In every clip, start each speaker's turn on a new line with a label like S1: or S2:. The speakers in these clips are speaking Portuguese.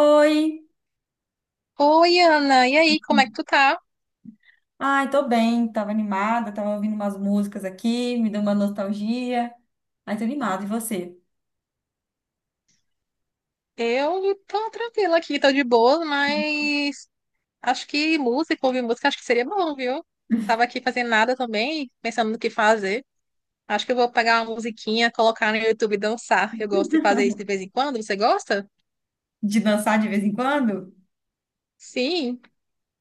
S1: Oi!
S2: Oi, Ana, e aí, como é que tu tá?
S1: Ai, tô bem, tava animada, tava ouvindo umas músicas aqui, me deu uma nostalgia. Ai, tô animada, e você?
S2: Eu tô tranquila aqui, tô de boa, mas acho que música, ouvir música, acho que seria bom, viu? Tava aqui fazendo nada também, pensando no que fazer. Acho que eu vou pegar uma musiquinha, colocar no YouTube e dançar. Eu gosto de fazer isso de vez em quando, você gosta?
S1: De dançar de vez em quando?
S2: Sim,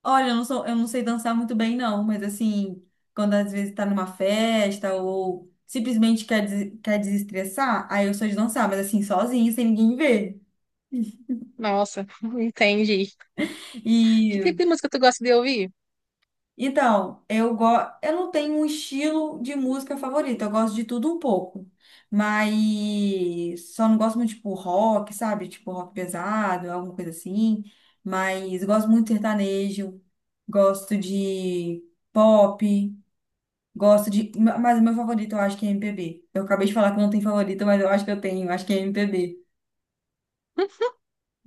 S1: Olha, eu não sou, eu não sei dançar muito bem, não, mas assim, quando às vezes tá numa festa ou simplesmente quer desestressar, aí eu sou de dançar, mas assim, sozinha, sem ninguém ver.
S2: nossa, entendi. Que tipo de música tu gosta de ouvir?
S1: Então, eu não tenho um estilo de música favorito, eu gosto de tudo um pouco. Mas só não gosto muito de tipo, rock, sabe? Tipo rock pesado, alguma coisa assim. Mas gosto muito de sertanejo, gosto de pop, mas o meu favorito eu acho que é MPB. Eu acabei de falar que não tem favorito, mas eu acho que eu tenho, eu acho que é MPB.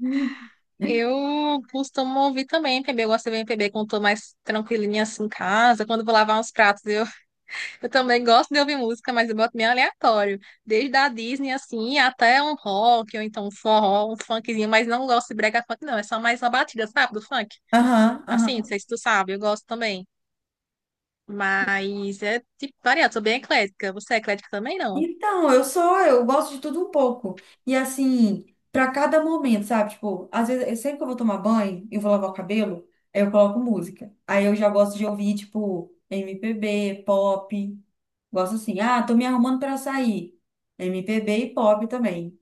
S1: Hum.
S2: Eu costumo ouvir também MPB, eu gosto de ouvir MPB quando tô mais tranquilinha assim em casa, quando eu vou lavar uns pratos, eu eu também gosto de ouvir música, mas eu boto meio aleatório. Desde a Disney, assim, até um rock, ou então um forró, um funkzinho, mas não gosto de brega funk, não. É só mais uma batida, sabe, do funk?
S1: Aham,
S2: Assim, não
S1: aham.
S2: sei se tu sabe, eu gosto também. Mas é tipo variado, sou bem eclética. Você é eclética também, não?
S1: Então, eu só, eu gosto de tudo um pouco. E assim, pra cada momento, sabe? Tipo, às vezes, sempre que eu vou tomar banho, eu vou lavar o cabelo, aí eu coloco música. Aí eu já gosto de ouvir, tipo, MPB, pop. Gosto assim, ah, tô me arrumando pra sair. MPB e pop também.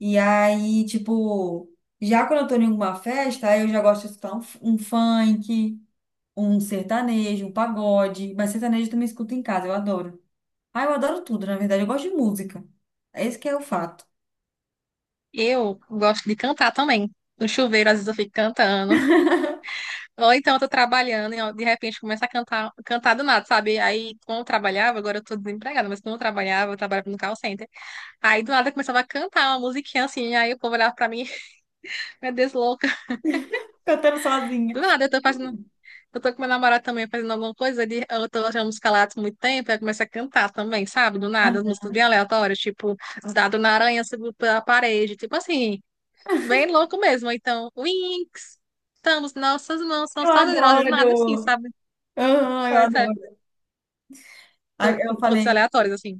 S1: E aí, tipo, já quando eu tô em alguma festa, aí eu já gosto de escutar um funk, um sertanejo, um pagode. Mas sertanejo eu também escuto em casa, eu adoro. Ah, eu adoro tudo, na verdade. Eu gosto de música. É esse que é o fato.
S2: Eu gosto de cantar também. No chuveiro, às vezes eu fico cantando. Ou então eu tô trabalhando e ó, de repente começo a cantar, cantar do nada, sabe? Aí, quando eu trabalhava, agora eu tô desempregada, mas quando eu trabalhava no call center. Aí do nada eu começava a cantar uma musiquinha assim, aí o povo olhava pra mim, meu Deus, louca.
S1: Cantando sozinha.
S2: Do nada eu tô fazendo,
S1: Hum.
S2: eu tô com meu namorado também fazendo alguma coisa, ele, eu tô achando música lá há muito tempo, aí começa a cantar também, sabe? Do nada, as
S1: Ah,
S2: músicas bem aleatórias, tipo, dado na aranha subiu pela parede, tipo assim, bem louco mesmo. Então, Winx, estamos, nossas mãos são
S1: eu
S2: saudadas, do nada assim,
S1: adoro!
S2: sabe?
S1: Ah, eu
S2: Coisa,
S1: adoro. Ah,
S2: co-
S1: eu
S2: Coisas
S1: falei,
S2: aleatórias assim.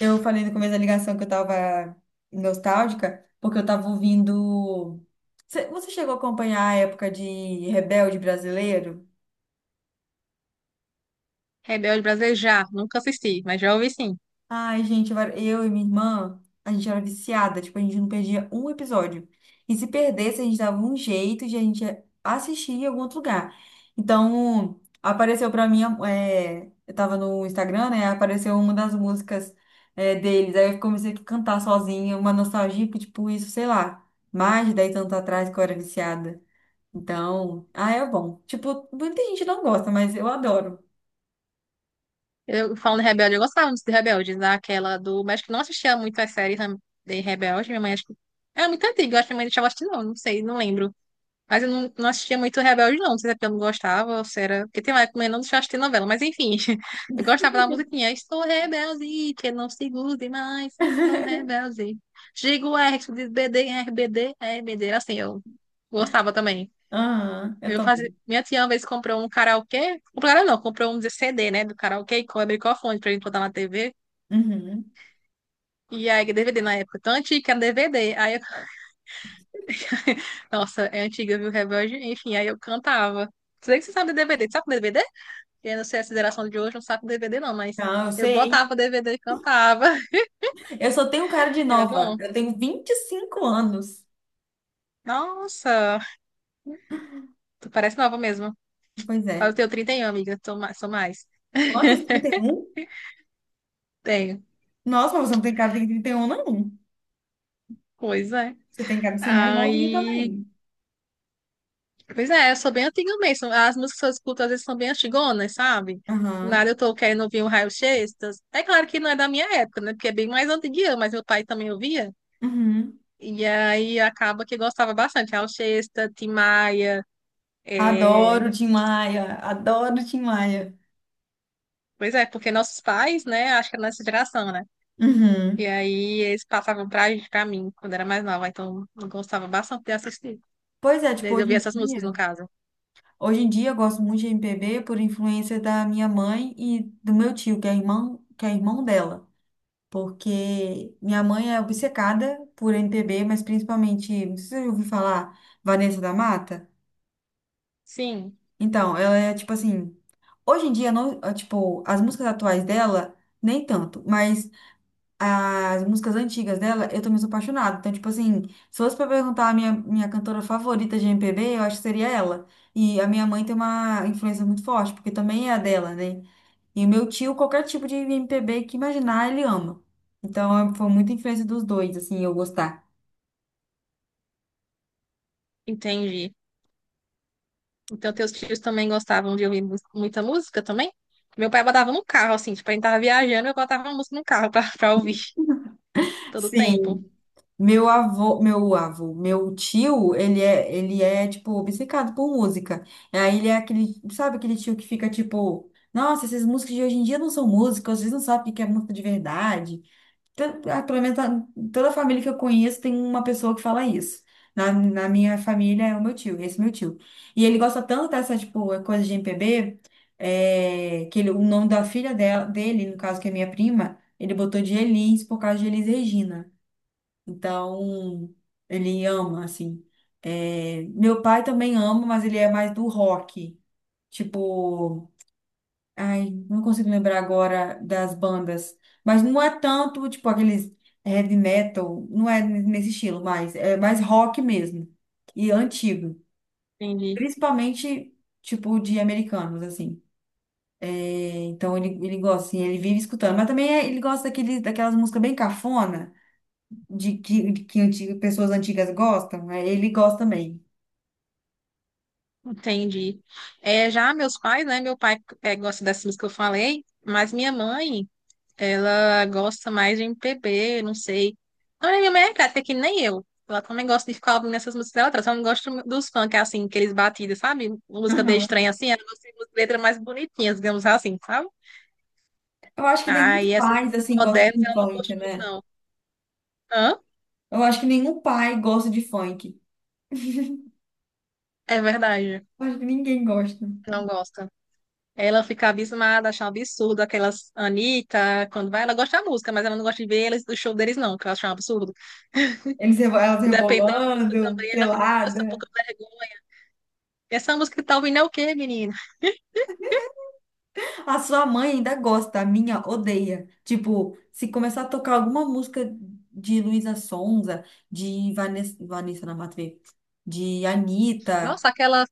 S1: eu falei no começo da ligação que eu tava nostálgica, porque eu tava ouvindo. Você chegou a acompanhar a época de Rebelde Brasileiro?
S2: Rebelde Brasileiro já, nunca assisti, mas já ouvi sim.
S1: Ai, gente, eu e minha irmã, a gente era viciada, tipo, a gente não perdia um episódio. E se perdesse, a gente dava um jeito de a gente assistir em algum outro lugar. Então, apareceu pra mim, é, eu tava no Instagram, né? Apareceu uma das músicas, é, deles. Aí eu comecei a cantar sozinha, uma nostalgia, porque, tipo, isso, sei lá, mais de 10 anos atrás que eu era viciada. Então, ah, é bom. Tipo, muita gente não gosta, mas eu adoro.
S2: Eu falando de Rebelde, eu gostava muito de Rebelde, daquela do. Mas acho que não assistia muito as séries né, de Rebelde. Minha mãe acho que. Era muito antiga, eu acho que minha mãe deixava assistir, não, não sei, não lembro. Mas eu não, não assistia muito Rebelde, não. Não sei se é porque eu não gostava, ou se era. Porque tem uma época que minha mãe não deixava assistir novela, mas enfim. Eu gostava da musiquinha. Estou rebelde, que não se grude mais, estou rebelde. Digo R, tu diz BD, rbd RBD. Era assim, eu gostava também.
S1: Aham, eu
S2: Eu fazia...
S1: também.
S2: Minha tia uma vez comprou um karaokê. Comprou não, comprou um CD, né? Do karaokê e com microfone pra gente botar na TV.
S1: Uhum.
S2: E aí, DVD na época, tão antiga, era DVD. Aí eu... Nossa, é antiga, viu? Rebelde. Enfim, aí eu cantava. Sei que você sabe de DVD. Sabe de DVD? Eu não sei a geração de hoje, não sabe o DVD, não, mas
S1: Não, eu
S2: eu
S1: sei.
S2: botava o DVD e cantava.
S1: Eu só tenho cara de
S2: Era
S1: nova.
S2: bom.
S1: Eu tenho 25 anos.
S2: Nossa, tu parece nova mesmo.
S1: Pois é.
S2: Eu tenho 31, amiga. Tô mais, sou mais.
S1: Quantos? 31?
S2: Tenho.
S1: Nossa, mas você não tem cara de 31, não.
S2: Pois é.
S1: Você tem cara de ser mais novinha
S2: Aí.
S1: também.
S2: Pois é, eu sou bem antiga mesmo. As músicas que eu escuto às vezes são bem antigonas, sabe? Do nada
S1: Aham.
S2: eu tô querendo ouvir um Raul Seixas. É claro que não é da minha época, né? Porque é bem mais antiguinha, mas meu pai também ouvia.
S1: Uhum.
S2: E aí acaba que gostava bastante. Raul Seixas, Tim Maia. É,
S1: Adoro Tim Maia. Adoro Tim Maia.
S2: pois é, porque nossos pais, né? Acho que é nossa geração, né? E
S1: Uhum.
S2: aí eles passavam pra, pra mim quando era mais nova. Então eu gostava bastante de assistir,
S1: Pois é, tipo,
S2: de
S1: hoje
S2: ouvir
S1: em
S2: essas músicas, no
S1: dia,
S2: caso.
S1: hoje em dia eu gosto muito de MPB por influência da minha mãe e do meu tio, que é irmão dela. Porque minha mãe é obcecada por MPB, mas principalmente, não sei se você já ouviu falar, Vanessa da Mata?
S2: Sim,
S1: Então, ela é tipo assim, hoje em dia não, ah, tipo, as músicas atuais dela nem tanto, mas as músicas antigas dela eu também sou apaixonada. Então, tipo assim, se fosse pra perguntar a minha cantora favorita de MPB, eu acho que seria ela. E a minha mãe tem uma influência muito forte, porque também é a dela, né? E o meu tio, qualquer tipo de MPB que imaginar, ele ama. Então, foi muita influência dos dois, assim, eu gostar.
S2: entendi. Então, teus tios também gostavam de ouvir muita música também? Meu pai botava no carro, assim, tipo, a gente tava viajando, eu botava uma música no carro pra, pra ouvir todo o
S1: Sim.
S2: tempo.
S1: Meu avô, meu avô, meu tio, ele é, tipo, obcecado por música. E aí ele é aquele, sabe aquele tio que fica, tipo, nossa, essas músicas de hoje em dia não são músicas, vocês não sabem o que é música de verdade. Tan- ah, Pelo menos tá- toda a família que eu conheço tem uma pessoa que fala isso. Na minha família é o meu tio, esse meu tio. E ele gosta tanto dessa, tipo, coisa de MPB, é, o nome da filha dela, dele, no caso, que é minha prima, ele botou de Elis por causa de Elis Regina. Então, ele ama, assim. É, meu pai também ama, mas ele é mais do rock. Tipo, ai, não consigo lembrar agora das bandas. Mas não é tanto, tipo, aqueles heavy metal, não é nesse estilo, mas é mais rock mesmo. E antigo.
S2: Entendi,
S1: Principalmente, tipo, de americanos, assim. É, então, ele gosta, assim, ele vive escutando. Mas também é- ele gosta daquele, daquelas músicas bem cafona. De que, de que antiga- pessoas antigas gostam, né? Ele gosta também.
S2: entendi. É, já meus pais, né? Meu pai é, gosta dessas músicas que eu falei, mas minha mãe, ela gosta mais de MPB, não sei. Não, minha mãe é até que nem eu. Ela também gosta de ficar ouvindo essas músicas dela, ela só não gosta dos funk, assim, aqueles batidas, sabe? Música bem
S1: Aham.
S2: estranha, assim, ela gosta de letras mais bonitinhas, digamos assim, sabe?
S1: Eu acho que
S2: Ah, e
S1: nenhum
S2: essas
S1: pai
S2: muito
S1: assim, gosta
S2: modernas
S1: de
S2: ela não
S1: funk,
S2: curte muito,
S1: né?
S2: não. Hã?
S1: Eu acho que nenhum pai gosta de funk.
S2: É verdade.
S1: Eu acho que ninguém gosta.
S2: Não gosta. Ela fica abismada, acha um absurdo aquelas Anitta, quando vai, ela gosta da música, mas ela não gosta de ver eles, do show deles, não, que ela acha um absurdo.
S1: Elas
S2: E depende da música
S1: rebolando,
S2: também, ela fica com essa
S1: pelada.
S2: pouca vergonha. Essa música que tá ouvindo é o quê, menina?
S1: A sua mãe ainda gosta, a minha odeia. Tipo, se começar a tocar alguma música de Luísa Sonza, de Vanessa na Matuê, de Anitta.
S2: Nossa, aquela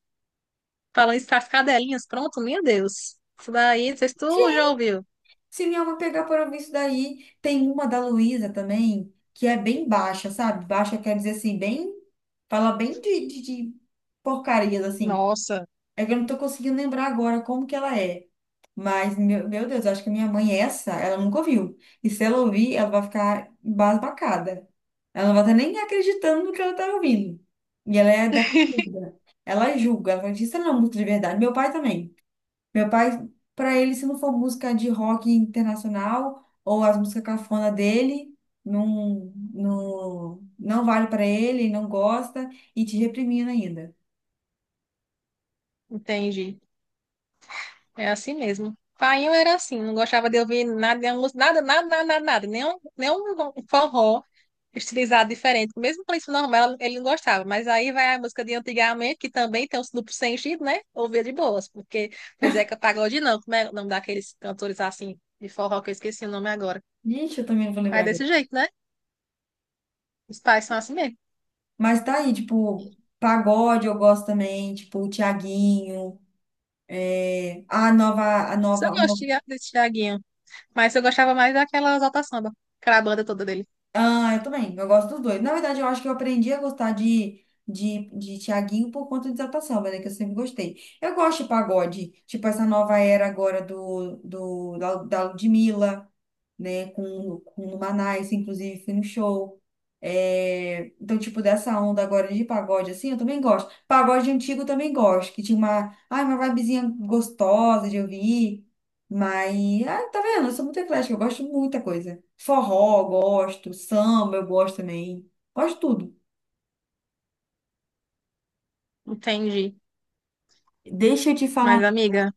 S2: falando isso, as cadelinhas, pronto, meu Deus. Isso daí, não sei se tu já ouviu.
S1: Se minha alma pegar para ouvir isso daí, tem uma da Luísa também, que é bem baixa, sabe? Baixa quer dizer assim, bem. Fala bem de, de porcarias, assim.
S2: Nossa,
S1: É que eu não tô conseguindo lembrar agora como que ela é. Mas, meu Deus, acho que a minha mãe, é essa, ela nunca ouviu. E se ela ouvir, ela vai ficar embasbacada. Ela não vai estar nem acreditando no que ela tá ouvindo. E ela é da. Ela julga, ela diz, isso não é música de verdade. Meu pai também. Meu pai, pra ele, se não for música de rock internacional ou as músicas cafona dele, não, não, não vale pra ele, ele não gosta e te reprimindo ainda.
S2: entendi. É assim mesmo. Painho era assim, não gostava de ouvir nada, nada, nada, nada, nada, nada, nenhum forró estilizado diferente. Mesmo com isso normal, ele não gostava. Mas aí vai a música de antigamente, que também tem os duplos sentido, né? Ouvia de boas, porque foi Zeca Pagode, não. Como é o nome daqueles cantores assim de forró que eu esqueci o nome agora?
S1: Gente, eu também não vou
S2: Mas é
S1: lembrar agora.
S2: desse jeito, né? Os pais são assim mesmo.
S1: Mas tá aí, tipo, pagode eu gosto também, tipo, o Thiaguinho, é, a nova, a
S2: Eu
S1: nova,
S2: gosto desse Thiaguinho, mas eu gostava mais daquela Exalta Samba, aquela banda toda dele.
S1: ah, eu também. Eu gosto dos dois. Na verdade, eu acho que eu aprendi a gostar de Thiaguinho por conta de Exaltação, mas é que eu sempre gostei. Eu gosto de pagode, tipo essa nova era agora da Ludmilla, né? Com o Manais, inclusive, fui no show. É, então, tipo, dessa onda agora de pagode, assim, eu também gosto. Pagode antigo eu também gosto, que tinha uma, ai, uma vibezinha gostosa de ouvir. Mas, ah, tá vendo? Eu sou muito eclética, eu gosto de muita coisa. Forró, eu gosto. Samba, eu gosto também. Gosto de tudo.
S2: Entendi.
S1: Deixa eu te
S2: Mas,
S1: falar.
S2: amiga.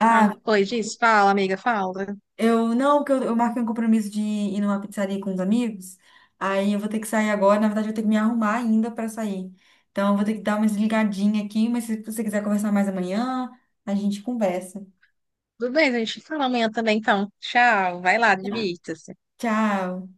S1: Ah,
S2: Ah, oi, Giz, fala, amiga, fala.
S1: eu não, porque eu marquei um compromisso de ir numa pizzaria com os amigos. Aí eu vou ter que sair agora. Na verdade, eu vou ter que me arrumar ainda para sair. Então, eu vou ter que dar uma desligadinha aqui. Mas se você quiser conversar mais amanhã, a gente conversa.
S2: Tudo bem, a gente fala amanhã também, então. Tchau, vai lá,
S1: Tá.
S2: divirta-se.
S1: Tchau.